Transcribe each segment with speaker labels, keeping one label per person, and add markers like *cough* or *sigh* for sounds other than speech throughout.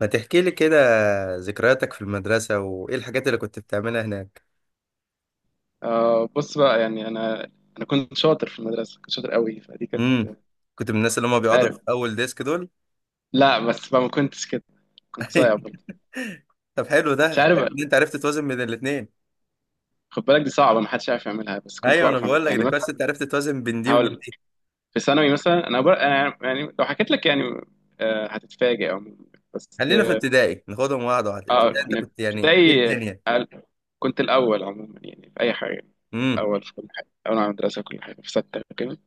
Speaker 1: ما تحكي لي كده ذكرياتك في المدرسة وإيه الحاجات اللي كنت بتعملها هناك؟
Speaker 2: بص بقى يعني انا كنت شاطر في المدرسه، كنت شاطر قوي، فدي كانت
Speaker 1: امم كنت من الناس اللي هم
Speaker 2: مش
Speaker 1: بيقعدوا في
Speaker 2: عارف.
Speaker 1: أول ديسك دول؟
Speaker 2: لا بس بقى ما كنتش كده، كنت
Speaker 1: *laughs*
Speaker 2: صايع
Speaker 1: أيوة.
Speaker 2: برضه.
Speaker 1: طب، حلو ده.
Speaker 2: مش عارف
Speaker 1: حلو إن
Speaker 2: حلو.
Speaker 1: أنت عرفت توازن بين الاتنين.
Speaker 2: خد بالك دي صعبه ما حدش عارف يعملها بس كنت
Speaker 1: أيوه، أنا
Speaker 2: بعرف
Speaker 1: بقول
Speaker 2: اعملها
Speaker 1: لك
Speaker 2: يعني
Speaker 1: ده كويس،
Speaker 2: مثلا.
Speaker 1: أنت عرفت توازن بين دي وبين
Speaker 2: هقول
Speaker 1: دي.
Speaker 2: في ثانوي مثلا انا انا يعني لو حكيت لك يعني آه هتتفاجئ عموما بس.
Speaker 1: خلينا في ابتدائي، ناخدهم واحدة واحدة.
Speaker 2: اه
Speaker 1: ابتدائي أنت
Speaker 2: انا في
Speaker 1: كنت يعني إيه
Speaker 2: ابتدائي
Speaker 1: الدنيا؟
Speaker 2: آه، كنت الاول عموما يعني في اي حاجه،
Speaker 1: امم.
Speaker 2: الاول في كل حاجه، الاول على المدرسه في كل حاجه في سته كده.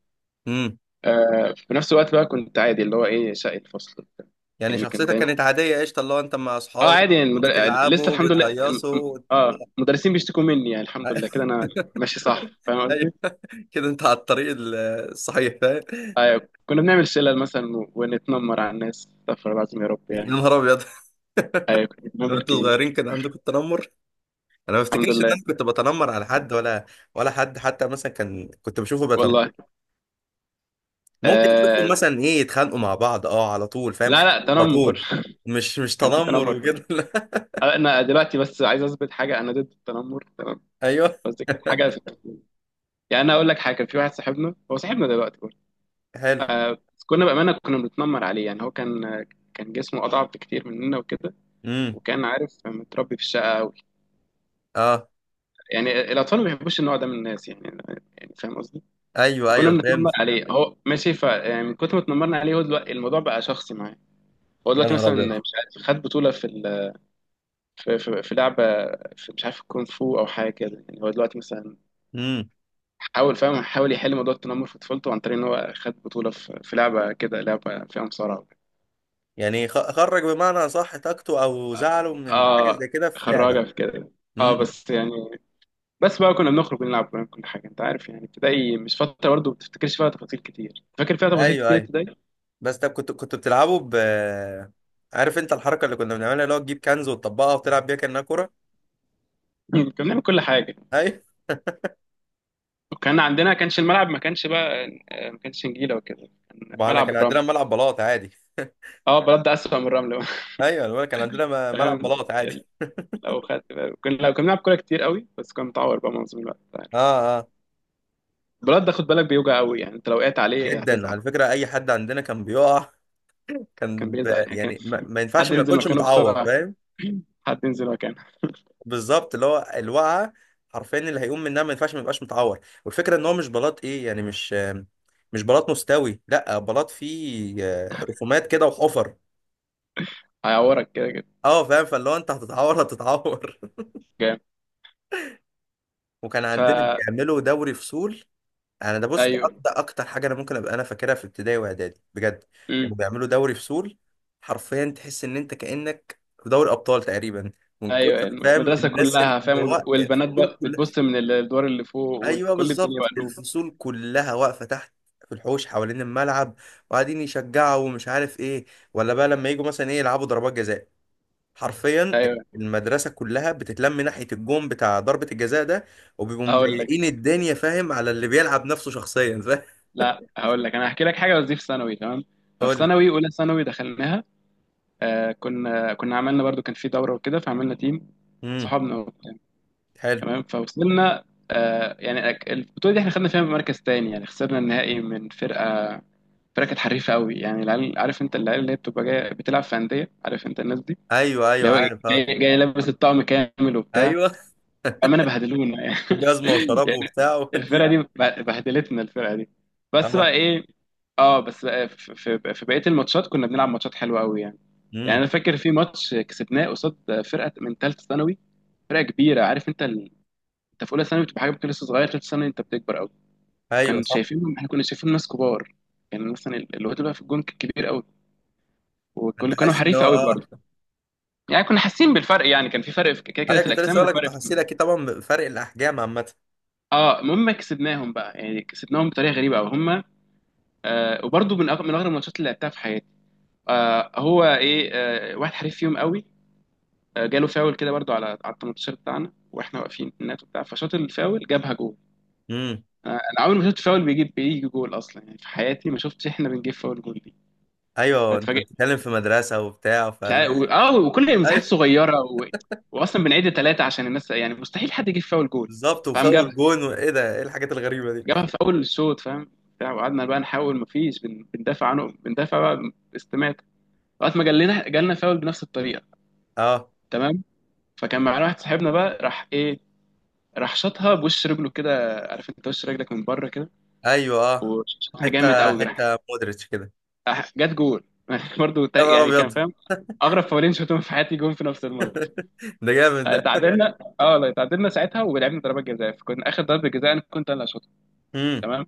Speaker 1: امم.
Speaker 2: آه في نفس الوقت بقى كنت عادي، اللي هو ايه، شقي الفصل وبتاع.
Speaker 1: يعني
Speaker 2: يعني كان
Speaker 1: شخصيتك
Speaker 2: دايما
Speaker 1: كانت عادية، قشطة، اللي هو أنت مع
Speaker 2: اه
Speaker 1: أصحابك.
Speaker 2: عادي يعني لسه
Speaker 1: بتلعبوا،
Speaker 2: الحمد لله
Speaker 1: بتهيصوا؟
Speaker 2: اه المدرسين بيشتكوا مني يعني، الحمد لله كده انا
Speaker 1: *laughs*
Speaker 2: ماشي صح، فاهم
Speaker 1: ايوه،
Speaker 2: قصدي؟
Speaker 1: كده انت على الطريق الصحيح، فاهم؟
Speaker 2: ايوه كنا بنعمل شلل مثلا ونتنمر على الناس، استغفر الله العظيم يا رب
Speaker 1: يا
Speaker 2: يعني.
Speaker 1: نهار ابيض!
Speaker 2: ايوه كنت
Speaker 1: لو
Speaker 2: بنتنمر
Speaker 1: انتوا
Speaker 2: كبير.
Speaker 1: صغيرين كان عندكم التنمر؟ انا ما
Speaker 2: الحمد
Speaker 1: افتكرش ان
Speaker 2: لله يعني،
Speaker 1: انا كنت بتنمر على حد ولا. ولا حد حتى مثلا كان كنت بشوفه بتنمر.
Speaker 2: والله
Speaker 1: ممكن اشوفهم
Speaker 2: آه...
Speaker 1: مثلا ايه، يتخانقوا مع بعض، اه، على طول، فاهم؟
Speaker 2: لا
Speaker 1: خناقة
Speaker 2: لا
Speaker 1: على
Speaker 2: تنمر
Speaker 1: طول.
Speaker 2: *laughs*
Speaker 1: مش
Speaker 2: كان في
Speaker 1: تنمر
Speaker 2: تنمر فعلا.
Speaker 1: وكده *laughs* لا.
Speaker 2: آه، انا دلوقتي بس عايز اثبت حاجه، انا ضد التنمر تمام،
Speaker 1: ايوه.
Speaker 2: بس دي كانت حاجه في الطفوله. يعني انا اقول لك حاجه، كان في واحد صاحبنا، هو صاحبنا دلوقتي برضه.
Speaker 1: *laughs* حلو.
Speaker 2: آه... بس كنا بامانه كنا بنتنمر عليه. يعني هو كان كان جسمه اضعف بكتير مننا وكده،
Speaker 1: امم.
Speaker 2: وكان عارف متربي في الشقه قوي.
Speaker 1: اه،
Speaker 2: يعني الاطفال ما بيحبوش النوع ده من الناس يعني، يعني فاهم قصدي.
Speaker 1: ايوه
Speaker 2: فكنا
Speaker 1: ايوه،
Speaker 2: بنتنمر
Speaker 1: فهمت.
Speaker 2: عليه، هو ماشي ف يعني، من كتر ما اتنمرنا عليه هو دلوقتي الموضوع بقى شخصي معاه. هو
Speaker 1: يا
Speaker 2: دلوقتي
Speaker 1: نهار
Speaker 2: مثلا
Speaker 1: ابيض!
Speaker 2: مش عارف خد بطوله في لعبه، في مش عارف الكونغ فو او حاجه كده. يعني هو دلوقتي مثلا
Speaker 1: امم.
Speaker 2: حاول، فاهم، حاول يحل موضوع التنمر في طفولته عن طريق ان هو خد بطوله في لعبه كده، لعبه فيها مصارعه وكده.
Speaker 1: يعني خرج بمعنى صح طاقته او زعله من حاجه
Speaker 2: اه،
Speaker 1: زي كده في لعبه.
Speaker 2: خراجه في كده. اه
Speaker 1: امم.
Speaker 2: بس يعني، بس بقى كنا بنخرج ونلعب ونعمل كل حاجه، انت عارف يعني. ابتدائي مش فتره برضه ما بتفتكرش فيها تفاصيل كتير، فاكر فيها تفاصيل
Speaker 1: ايوه
Speaker 2: كتير
Speaker 1: ايوه.
Speaker 2: ابتدائي *laughs*
Speaker 1: بس طب، كنت بتلعبوا ب... عارف انت الحركه اللي كنا بنعملها، اللي هو تجيب كنز وتطبقها وتلعب بيها كانها كوره؟
Speaker 2: كنا بنعمل كل حاجه،
Speaker 1: ايوه،
Speaker 2: وكان عندنا كانش الملعب، ما كانش بقى آه، ما كانش نجيله وكده، كان
Speaker 1: ما احنا
Speaker 2: ملعب
Speaker 1: كان عندنا
Speaker 2: رمل.
Speaker 1: ملعب بلاط عادي.
Speaker 2: اه بلد ده اسوأ من الرمل بقى.
Speaker 1: ايوه أنا بقولك كان عندنا
Speaker 2: *laughs*
Speaker 1: ملعب
Speaker 2: فاهم،
Speaker 1: بلاط عادي. *laughs*
Speaker 2: لو خدت بالك. كنا لو كنا بنلعب كوره كتير قوي بس كان متعور بقى معظم الوقت، أنت عارف.
Speaker 1: اه اه.
Speaker 2: البلد ده خد بالك بيوجع قوي، يعني انت لو وقعت عليه
Speaker 1: جدا،
Speaker 2: هتزعل.
Speaker 1: على فكره اي حد عندنا كان بيقع،
Speaker 2: كان بيزعل، يعني كان
Speaker 1: يعني، ما
Speaker 2: حد
Speaker 1: ينفعش ما
Speaker 2: ينزل
Speaker 1: يكونش
Speaker 2: مكانه
Speaker 1: متعور،
Speaker 2: بسرعه
Speaker 1: فاهم؟
Speaker 2: *laughs* حد ينزل مكانه.
Speaker 1: بالظبط، اللي هو الوقعه حرفيا، اللي هيقوم منها ما ينفعش ما يبقاش متعور. والفكره ان هو مش بلاط ايه يعني، مش مش بلاط مستوي، لا، بلاط فيه رسومات كده وحفر.
Speaker 2: هيعورك كده كده.
Speaker 1: اه، فاهم؟ فاللي هو انت هتتعور هتتعور.
Speaker 2: جامد.
Speaker 1: *laughs* وكان عندنا
Speaker 2: فا
Speaker 1: بيعملوا دوري فصول. انا ده بص، ده
Speaker 2: ايوه
Speaker 1: ده اكتر حاجه انا ممكن ابقى انا فاكرها في ابتدائي واعدادي بجد. كانوا بيعملوا دوري فصول. حرفيا تحس ان انت كانك في دوري ابطال تقريبا، من كتر
Speaker 2: ايوه،
Speaker 1: فاهم
Speaker 2: المدرسه
Speaker 1: الناس،
Speaker 2: كلها
Speaker 1: اللي
Speaker 2: فاهم،
Speaker 1: هو
Speaker 2: والبنات
Speaker 1: الفصول
Speaker 2: بقى
Speaker 1: كلها.
Speaker 2: بتبص من الدور اللي فوق
Speaker 1: ايوه
Speaker 2: وكل الدنيا
Speaker 1: بالظبط،
Speaker 2: مقلوبه.
Speaker 1: الفصول كلها واقفه تحت، في الحوش حوالين الملعب، وقاعدين يشجعوا ومش عارف ايه. ولا بقى لما يجوا مثلا ايه يلعبوا ضربات جزاء، حرفيا،
Speaker 2: ايوه.
Speaker 1: المدرسه كلها بتتلم ناحيه الجون بتاع ضربه الجزاء ده. وبيبقوا
Speaker 2: هقول
Speaker 1: مضايقين
Speaker 2: لك،
Speaker 1: الدنيا، فاهم، على اللي بيلعب نفسه شخصيا، فاهم؟
Speaker 2: لا هقول لك، انا هحكي لك حاجه بس دي في ثانوي تمام. ففي
Speaker 1: قول لي.
Speaker 2: ثانوي، اولى ثانوي دخلناها آه، كنا عملنا برضو كان في دوره وكده فعملنا تيم،
Speaker 1: امم.
Speaker 2: صحابنا وبتاع.
Speaker 1: حلو.
Speaker 2: تمام، فوصلنا آه يعني البطوله دي احنا خدنا فيها مركز تاني، يعني خسرنا النهائي من فرقه، فرقه كانت حريفه قوي. يعني العيال عارف انت، العيال اللي هي بتبقى جايه بتلعب في انديه، عارف انت الناس دي،
Speaker 1: ايوه
Speaker 2: اللي
Speaker 1: ايوه
Speaker 2: هو
Speaker 1: عارف، اه.
Speaker 2: جاي لابس الطقم كامل وبتاع.
Speaker 1: ايوه.
Speaker 2: بأمانة بهدلونا يعني
Speaker 1: *laughs* وجزمه
Speaker 2: *laughs*
Speaker 1: وشراب
Speaker 2: يعني
Speaker 1: وبتاع. *laughs*
Speaker 2: الفرقة
Speaker 1: ودي...
Speaker 2: دي بهدلتنا الفرقة دي بس بقى
Speaker 1: اه.
Speaker 2: إيه. اه بس بقى في بقية الماتشات كنا بنلعب ماتشات حلوة قوي يعني. يعني
Speaker 1: امم.
Speaker 2: أنا فاكر في ماتش كسبناه قصاد فرقة من ثالثة ثانوي، فرقة كبيرة، عارف أنت أنت في أولى ثانوي بتبقى حاجة بتبقى لسه صغير، ثالثة ثانوي أنت بتكبر قوي.
Speaker 1: ايوه
Speaker 2: وكان
Speaker 1: صح،
Speaker 2: شايفينهم، إحنا كنا شايفين ناس كبار. يعني مثلا الواد اللي بقى في الجون كان كبير قوي،
Speaker 1: انت
Speaker 2: وكانوا كانوا
Speaker 1: حاسس ان
Speaker 2: حريف
Speaker 1: هو،
Speaker 2: قوي
Speaker 1: اه.
Speaker 2: برضه. يعني كنا حاسين بالفرق، يعني كان في فرق في كده كده
Speaker 1: ايوه،
Speaker 2: في
Speaker 1: كنت لسه
Speaker 2: الأجسام
Speaker 1: اقول لك، انت
Speaker 2: وفرق.
Speaker 1: حاسس اكيد طبعا بفرق الاحجام عامه.
Speaker 2: اه المهم كسبناهم بقى، يعني كسبناهم بطريقه غريبه قوي هم. آه وبرده من من اغرب الماتشات اللي لعبتها في حياتي. آه هو ايه، آه واحد حريف فيهم قوي آه جاله فاول كده، برده على على ال 18 بتاعنا، واحنا واقفين النات وبتاع، فشاط الفاول جابها جول.
Speaker 1: امم.
Speaker 2: آه انا عمري ما شفت فاول بيجيب جول اصلا، يعني في حياتي ما شفتش احنا بنجيب فاول جول دي.
Speaker 1: ايوه، انت
Speaker 2: فاتفاجئت،
Speaker 1: بتتكلم في مدرسه وبتاع،
Speaker 2: مش
Speaker 1: فلا.
Speaker 2: عارف وكل المساحات
Speaker 1: ايوه
Speaker 2: صغيره واصلا بنعيد ثلاثه عشان الناس، يعني مستحيل حد يجيب فاول جول.
Speaker 1: بالظبط،
Speaker 2: فقام جاب،
Speaker 1: وفاول جون وايه ده، ايه الحاجات الغريبه دي؟
Speaker 2: جابها في اول الشوط فاهم، بتاع. وقعدنا بقى نحاول مفيش بندافع عنه، بندافع بقى استماتة، لغايه ما جالنا فاول بنفس الطريقه.
Speaker 1: اه.
Speaker 2: تمام. فكان معانا واحد صاحبنا بقى راح ايه، راح شاطها بوش رجله كده، عارف انت وش رجلك من بره كده.
Speaker 1: ايوه، اه.
Speaker 2: وشاطها
Speaker 1: حته
Speaker 2: جامد قوي، راح
Speaker 1: حته مودريتش كده.
Speaker 2: جت جول *laughs* برضه
Speaker 1: يا نهار
Speaker 2: يعني كان
Speaker 1: ابيض!
Speaker 2: فاهم
Speaker 1: *laughs*
Speaker 2: اغرب فاولين شفتهم في حياتي جون في نفس الماتش.
Speaker 1: ده جامد ده.
Speaker 2: تعادلنا اه لا تعادلنا ساعتها ولعبنا ضربات جزاء، فكنا اخر ضربه جزاء انا كنت انا اللي هشوطها.
Speaker 1: امم.
Speaker 2: تمام.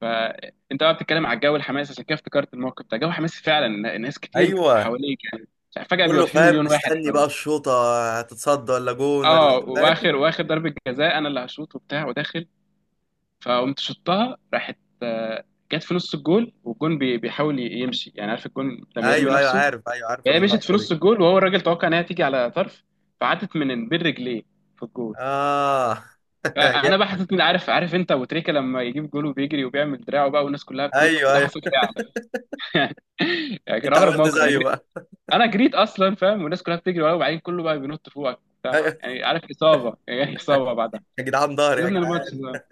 Speaker 2: فانت بقى بتتكلم على الجو الحماسي، عشان كده افتكرت الموقف ده، جو حماسي فعلا، ناس كتير
Speaker 1: ايوه،
Speaker 2: حواليك يعني، فجأة بيبقى
Speaker 1: كله
Speaker 2: في
Speaker 1: فاهم
Speaker 2: مليون واحد
Speaker 1: مستني بقى
Speaker 2: حواليك.
Speaker 1: الشوطه، هتتصد ولا جون ولا
Speaker 2: اه
Speaker 1: *laughs* فاهم؟
Speaker 2: واخر ضربة جزاء انا اللي هشوط وبتاع وداخل. فقمت شطها، راحت آه، جت في نص الجول، والجون بيحاول يمشي، يعني عارف الجون لما يرمي
Speaker 1: ايوه ايوه
Speaker 2: نفسه.
Speaker 1: عارف، ايوه عارف
Speaker 2: هي مشيت في
Speaker 1: اللقطه دي.
Speaker 2: نص الجول، وهو الراجل توقع انها تيجي على طرف، فعدت من بين رجليه في الجول.
Speaker 1: اه. *laughs*
Speaker 2: فانا بقى
Speaker 1: جامد.
Speaker 2: حسيت إني عارف، عارف انت ابو تريكه لما يجيب جول وبيجري وبيعمل دراعه بقى والناس كلها بتنط،
Speaker 1: ايوه
Speaker 2: وده
Speaker 1: ايوه،
Speaker 2: حصل فعلا *laughs* يعني كان
Speaker 1: انت
Speaker 2: اغرب
Speaker 1: عملت
Speaker 2: موقف، انا
Speaker 1: زيه
Speaker 2: جريت،
Speaker 1: بقى.
Speaker 2: انا جريت اصلا فاهم، والناس كلها بتجري ورايا، وبعدين كله بقى بينط فوقك
Speaker 1: *laughs*
Speaker 2: وبتاع،
Speaker 1: ايوه.
Speaker 2: يعني عارف اصابه يعني *laughs* اصابه بعدها.
Speaker 1: يا جدعان، ضهري يا
Speaker 2: سيبنا الماتش ده،
Speaker 1: جدعان!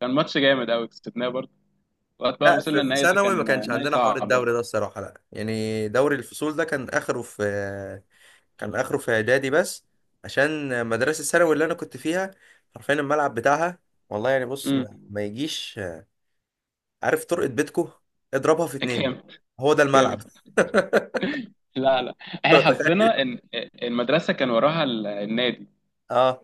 Speaker 2: كان ماتش جامد قوي كسبناه برضه. وقت بقى
Speaker 1: لا، في
Speaker 2: وصلنا
Speaker 1: في
Speaker 2: النهائي ده،
Speaker 1: ثانوي ما
Speaker 2: كان
Speaker 1: كانش
Speaker 2: نهائي
Speaker 1: عندنا حوار
Speaker 2: صعب.
Speaker 1: الدوري ده الصراحه. لا يعني، دوري الفصول ده كان اخره في... كان اخره في اعدادي بس. عشان مدرسه الثانوي اللي انا كنت فيها، حرفيا الملعب بتاعها، والله يعني بص، ما,
Speaker 2: امم
Speaker 1: ما يجيش، عارف طرقه بيتكو، اضربها في اتنين.
Speaker 2: جامد،
Speaker 1: هو ده
Speaker 2: جامد.
Speaker 1: الملعب.
Speaker 2: لا لا،
Speaker 1: *laughs*
Speaker 2: احنا
Speaker 1: متخيل؟
Speaker 2: حظنا ان المدرسه كان وراها النادي،
Speaker 1: اه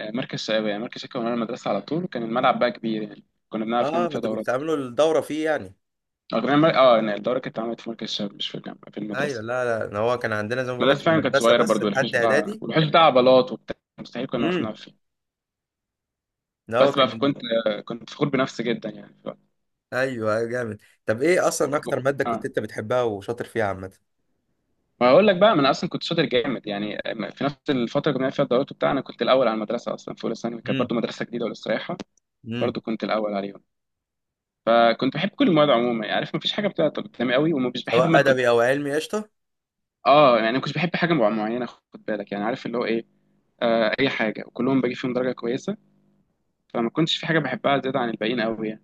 Speaker 2: مركز الشباب. يعني مركز الشباب كان ورا المدرسه على طول، وكان الملعب بقى كبير، يعني كنا
Speaker 1: اه.
Speaker 2: بنعرف نعمل
Speaker 1: ما انتوا
Speaker 2: فيها
Speaker 1: كنتوا
Speaker 2: دورات.
Speaker 1: بتعملوا الدوره فيه يعني؟
Speaker 2: اه كنا آه، يعني الدوره كانت اتعملت في مركز الشباب، مش في الجامعه في
Speaker 1: ايوه.
Speaker 2: المدرسه.
Speaker 1: لا لا، إن هو كان عندنا زي ما بقول لك في
Speaker 2: مدرسة فعلا كانت
Speaker 1: المدرسه
Speaker 2: صغيرة
Speaker 1: بس
Speaker 2: برضو، الحوش
Speaker 1: لحد
Speaker 2: بتاع
Speaker 1: اعدادي.
Speaker 2: والحوش بتاع عضلات وبتاع، مستحيل كنا نعرف
Speaker 1: امم.
Speaker 2: نلعب فيه.
Speaker 1: إن هو
Speaker 2: بس
Speaker 1: كان...
Speaker 2: بقى كنت كنت فخور بنفسي جدا، يعني ف...
Speaker 1: ايوه أيوة، جامد. طب ايه اصلا اكتر ماده
Speaker 2: اه
Speaker 1: كنت انت بتحبها وشاطر فيها عامه؟
Speaker 2: ما هقول لك بقى، ما انا اصلا كنت شاطر جامد يعني. في نفس الفتره اللي كنا فيها الدورات وبتاع، انا كنت الاول على المدرسه اصلا، في اولى ثانوي كانت
Speaker 1: امم.
Speaker 2: برضو مدرسه جديده ولسه رايحه،
Speaker 1: امم.
Speaker 2: برضو كنت الاول عليهم. فكنت بحب كل المواد عموما يعني، عارف ما فيش حاجه بتعطل قدامي قوي ومش بحب
Speaker 1: سواء
Speaker 2: ماده.
Speaker 1: ادبي او علمي، قشطه.
Speaker 2: اه يعني ما كنتش بحب حاجه معينه، خد بالك يعني، عارف اللي هو ايه، آه اي حاجه وكلهم بجيب فيهم درجه كويسه. فما كنتش في حاجه بحبها زياده عن الباقيين قوي يعني.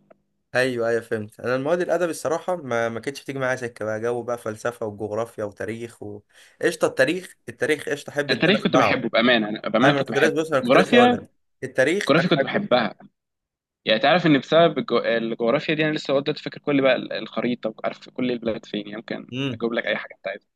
Speaker 1: ايوه ايوه فهمت. انا المواد الادبي الصراحه ما كانتش بتيجي معايا سكه، بقى جو بقى فلسفه وجغرافيا وتاريخ و... قشطه. التاريخ، التاريخ قشطه، احب ان انا
Speaker 2: التاريخ كنت
Speaker 1: اسمعه.
Speaker 2: بحبه بامانه، أنا بامانه
Speaker 1: ايوه، انا
Speaker 2: كنت
Speaker 1: كنت لسه
Speaker 2: بحبه.
Speaker 1: بص، انا كنت لسه اقول لك،
Speaker 2: الجغرافيا،
Speaker 1: التاريخ انا
Speaker 2: الجغرافيا كنت
Speaker 1: احبه.
Speaker 2: بحبها. يعني تعرف ان بسبب الجغرافيا دي انا لسه لغايه دلوقتي فاكر كل بقى الخريطه وعارف كل البلاد فين، يعني ممكن
Speaker 1: امم.
Speaker 2: اجيب لك اي حاجه انت عايزها.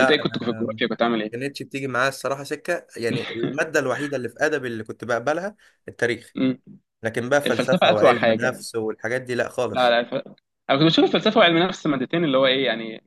Speaker 2: انت ايه كنت في
Speaker 1: انا ما
Speaker 2: الجغرافيا، كنت عامل ايه؟
Speaker 1: كانتش بتيجي معايا الصراحه سكه. يعني الماده
Speaker 2: *laughs*
Speaker 1: الوحيده اللي في ادبي اللي كنت بقبلها، التاريخ.
Speaker 2: مم.
Speaker 1: لكن بقى
Speaker 2: الفلسفه
Speaker 1: فلسفه
Speaker 2: اسوأ
Speaker 1: وعلم
Speaker 2: حاجه.
Speaker 1: نفس والحاجات دي، لا
Speaker 2: لا
Speaker 1: خالص.
Speaker 2: لا انا كنت بشوف الفلسفه وعلم النفس مادتين اللي هو ايه يعني،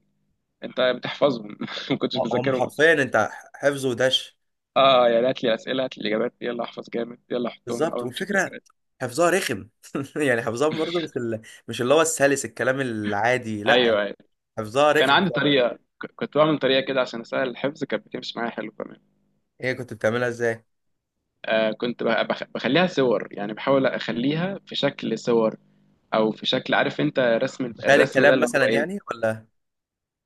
Speaker 2: انت بتحفظهم *laughs* ما كنتش
Speaker 1: هم
Speaker 2: بذاكرهم اصلا.
Speaker 1: حرفيا انت حفظ ودش.
Speaker 2: اه يعني هات لي اسئله، هات لي اجابات، يلا احفظ جامد، يلا احطهم
Speaker 1: بالظبط،
Speaker 2: اول ما تشوف
Speaker 1: والفكره
Speaker 2: الاجابات.
Speaker 1: حفظها رخم. *laughs* يعني حفظها برضه مش ال... مش اللي هو السلس الكلام العادي، لا.
Speaker 2: ايوه أيوه.
Speaker 1: حفظها
Speaker 2: كان
Speaker 1: رخم.
Speaker 2: عندي طريقة كنت بعمل طريقة كده عشان أسهل الحفظ، كانت بتمشي معايا حلو كمان.
Speaker 1: هي كنت بتعملها ازاي؟
Speaker 2: آه كنت بخليها صور، يعني بحاول أخليها في شكل صور، أو في شكل عارف أنت رسم،
Speaker 1: تخيل
Speaker 2: الرسم ده
Speaker 1: الكلام
Speaker 2: اللي
Speaker 1: مثلا
Speaker 2: هو إيه.
Speaker 1: يعني، ولا؟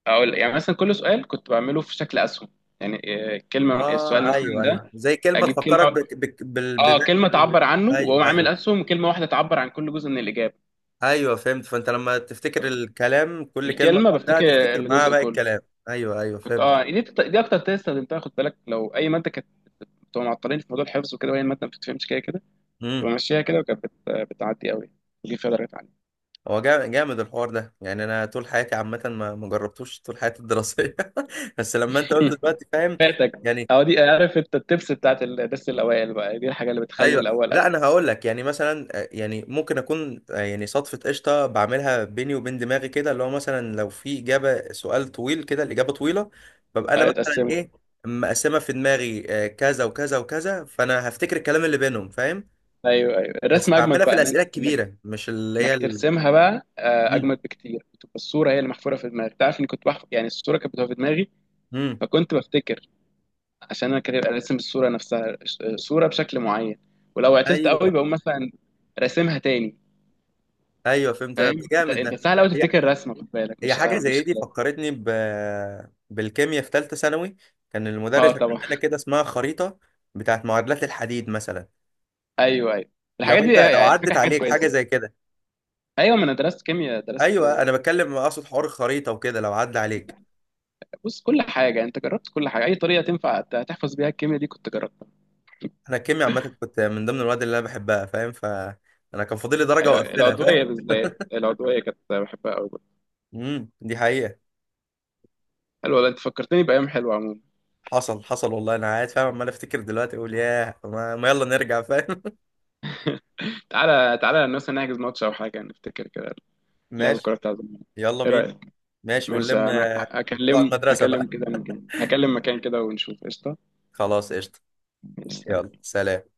Speaker 2: أقول يعني مثلا كل سؤال كنت بعمله في شكل أسهم، يعني آه، كلمة السؤال
Speaker 1: اه،
Speaker 2: مثلا
Speaker 1: ايوه ايوه،
Speaker 2: ده
Speaker 1: زي كلمه
Speaker 2: أجيب
Speaker 1: تفكرك
Speaker 2: كلمة
Speaker 1: بك... بك... بال... بال...
Speaker 2: آه كلمة تعبر عنه، وأقوم
Speaker 1: ايوه
Speaker 2: عامل
Speaker 1: ايوه
Speaker 2: أسهم كلمة واحدة تعبر عن كل جزء من الإجابة.
Speaker 1: ايوه فهمت. فانت لما تفتكر الكلام كل كلمه
Speaker 2: الكلمة
Speaker 1: لوحدها
Speaker 2: بفتكر
Speaker 1: تفتكر معاها
Speaker 2: الجزء
Speaker 1: باقي
Speaker 2: كله.
Speaker 1: الكلام. ايوه ايوه
Speaker 2: كنت
Speaker 1: فهمت.
Speaker 2: اه دي اكتر تيست استخدمتها، خد بالك لو اي ماده كانت بتبقى معطلين في موضوع الحفظ وكده وهي الماده ما بتفهمش كده كده،
Speaker 1: امم.
Speaker 2: بمشيها كده وكانت بتعدي قوي، دي فيها درجات عالية.
Speaker 1: هو جامد الحوار ده. يعني انا طول حياتي عامه ما جربتوش طول حياتي الدراسيه. *laughs* بس لما انت قلت
Speaker 2: مم.
Speaker 1: دلوقتي، فاهم؟
Speaker 2: فاتك،
Speaker 1: يعني...
Speaker 2: أو دي عارف أنت التبس بتاعت الدرس الأوائل بقى، دي الحاجة اللي بتخلي
Speaker 1: ايوه،
Speaker 2: الأول
Speaker 1: لا
Speaker 2: أول.
Speaker 1: انا هقول لك، يعني مثلا، يعني ممكن اكون، يعني صدفه قشطه بعملها بيني وبين دماغي كده، اللي هو مثلا لو في اجابه سؤال طويل كده الاجابه طويله، ببقى انا
Speaker 2: أيوة
Speaker 1: مثلا
Speaker 2: اتقسمت.
Speaker 1: ايه، مقسمه في دماغي، كذا وكذا وكذا، فانا هفتكر الكلام اللي بينهم، فاهم؟
Speaker 2: أيوه أيوه
Speaker 1: بس
Speaker 2: الرسم أجمد
Speaker 1: بعملها في
Speaker 2: بقى
Speaker 1: الاسئله
Speaker 2: إنك
Speaker 1: الكبيره، مش اللي هي
Speaker 2: إنك
Speaker 1: ال...
Speaker 2: ترسمها بقى آه،
Speaker 1: مم.
Speaker 2: أجمد بكتير، بتبقى الصورة هي اللي محفورة في دماغك. تعرف إني كنت بحفظ، يعني الصورة كانت بتبقى في دماغي،
Speaker 1: مم.
Speaker 2: فكنت بفتكر عشان أنا كده راسم الصورة نفسها صورة بشكل معين، ولو عطلت
Speaker 1: ايوه
Speaker 2: قوي بقوم مثلا راسمها تاني.
Speaker 1: ايوه فهمت، ده
Speaker 2: فاهم انت،
Speaker 1: جامد
Speaker 2: انت
Speaker 1: ده.
Speaker 2: سهل قوي
Speaker 1: هي...
Speaker 2: تفتكر رسمه خد بالك،
Speaker 1: هي
Speaker 2: مش
Speaker 1: حاجة
Speaker 2: آه،
Speaker 1: زي
Speaker 2: مش
Speaker 1: دي
Speaker 2: كلام.
Speaker 1: فكرتني ب... بالكيمياء في ثالثة ثانوي. كان المدرس
Speaker 2: اه
Speaker 1: عامل
Speaker 2: طبعا.
Speaker 1: لنا كده اسمها خريطة، بتاعت معادلات الحديد مثلا.
Speaker 2: ايوه ايوه الحاجات دي،
Speaker 1: لو
Speaker 2: يعني الفكره
Speaker 1: عدت
Speaker 2: حاجات
Speaker 1: عليك حاجة
Speaker 2: كويسه.
Speaker 1: زي كده؟
Speaker 2: ايوه ما انا درست كيمياء درست.
Speaker 1: ايوه، انا بتكلم اقصد حوار الخريطة وكده، لو عدى عليك.
Speaker 2: بص كل حاجه انت جربت، كل حاجه اي طريقه تنفع تحفظ بيها الكيمياء دي كنت جربتها.
Speaker 1: انا الكيمياء عامة كنت من ضمن المواد اللي انا بحبها، فاهم؟ ف... انا كان فاضل لي درجة
Speaker 2: أيوة.
Speaker 1: واقفلها، فاهم؟
Speaker 2: العضويه بالذات، العضويه كانت بحبها قوي.
Speaker 1: امم، دي حقيقة.
Speaker 2: حلوه والله، انت فكرتني بايام حلوه عموما.
Speaker 1: حصل حصل والله. انا قاعد فاهم عمال افتكر دلوقتي، اقول ياه، ما يلا نرجع، فاهم؟
Speaker 2: تعالى تعالى مثلا نحجز ماتش او حاجه نفتكر كده،
Speaker 1: *laughs*
Speaker 2: لعب
Speaker 1: ماشي.
Speaker 2: الكوره بتاع زمان.
Speaker 1: يلا
Speaker 2: ايه
Speaker 1: بينا.
Speaker 2: رايك؟
Speaker 1: ماشي
Speaker 2: ماشي
Speaker 1: ونلم
Speaker 2: انا
Speaker 1: بتاع
Speaker 2: هكلم،
Speaker 1: المدرسة
Speaker 2: هكلم
Speaker 1: بقى.
Speaker 2: كده مكان، هكلم مكان كده ونشوف قشطه.
Speaker 1: خلاص قشطة.
Speaker 2: ماشي، سلام.
Speaker 1: يلا سلام.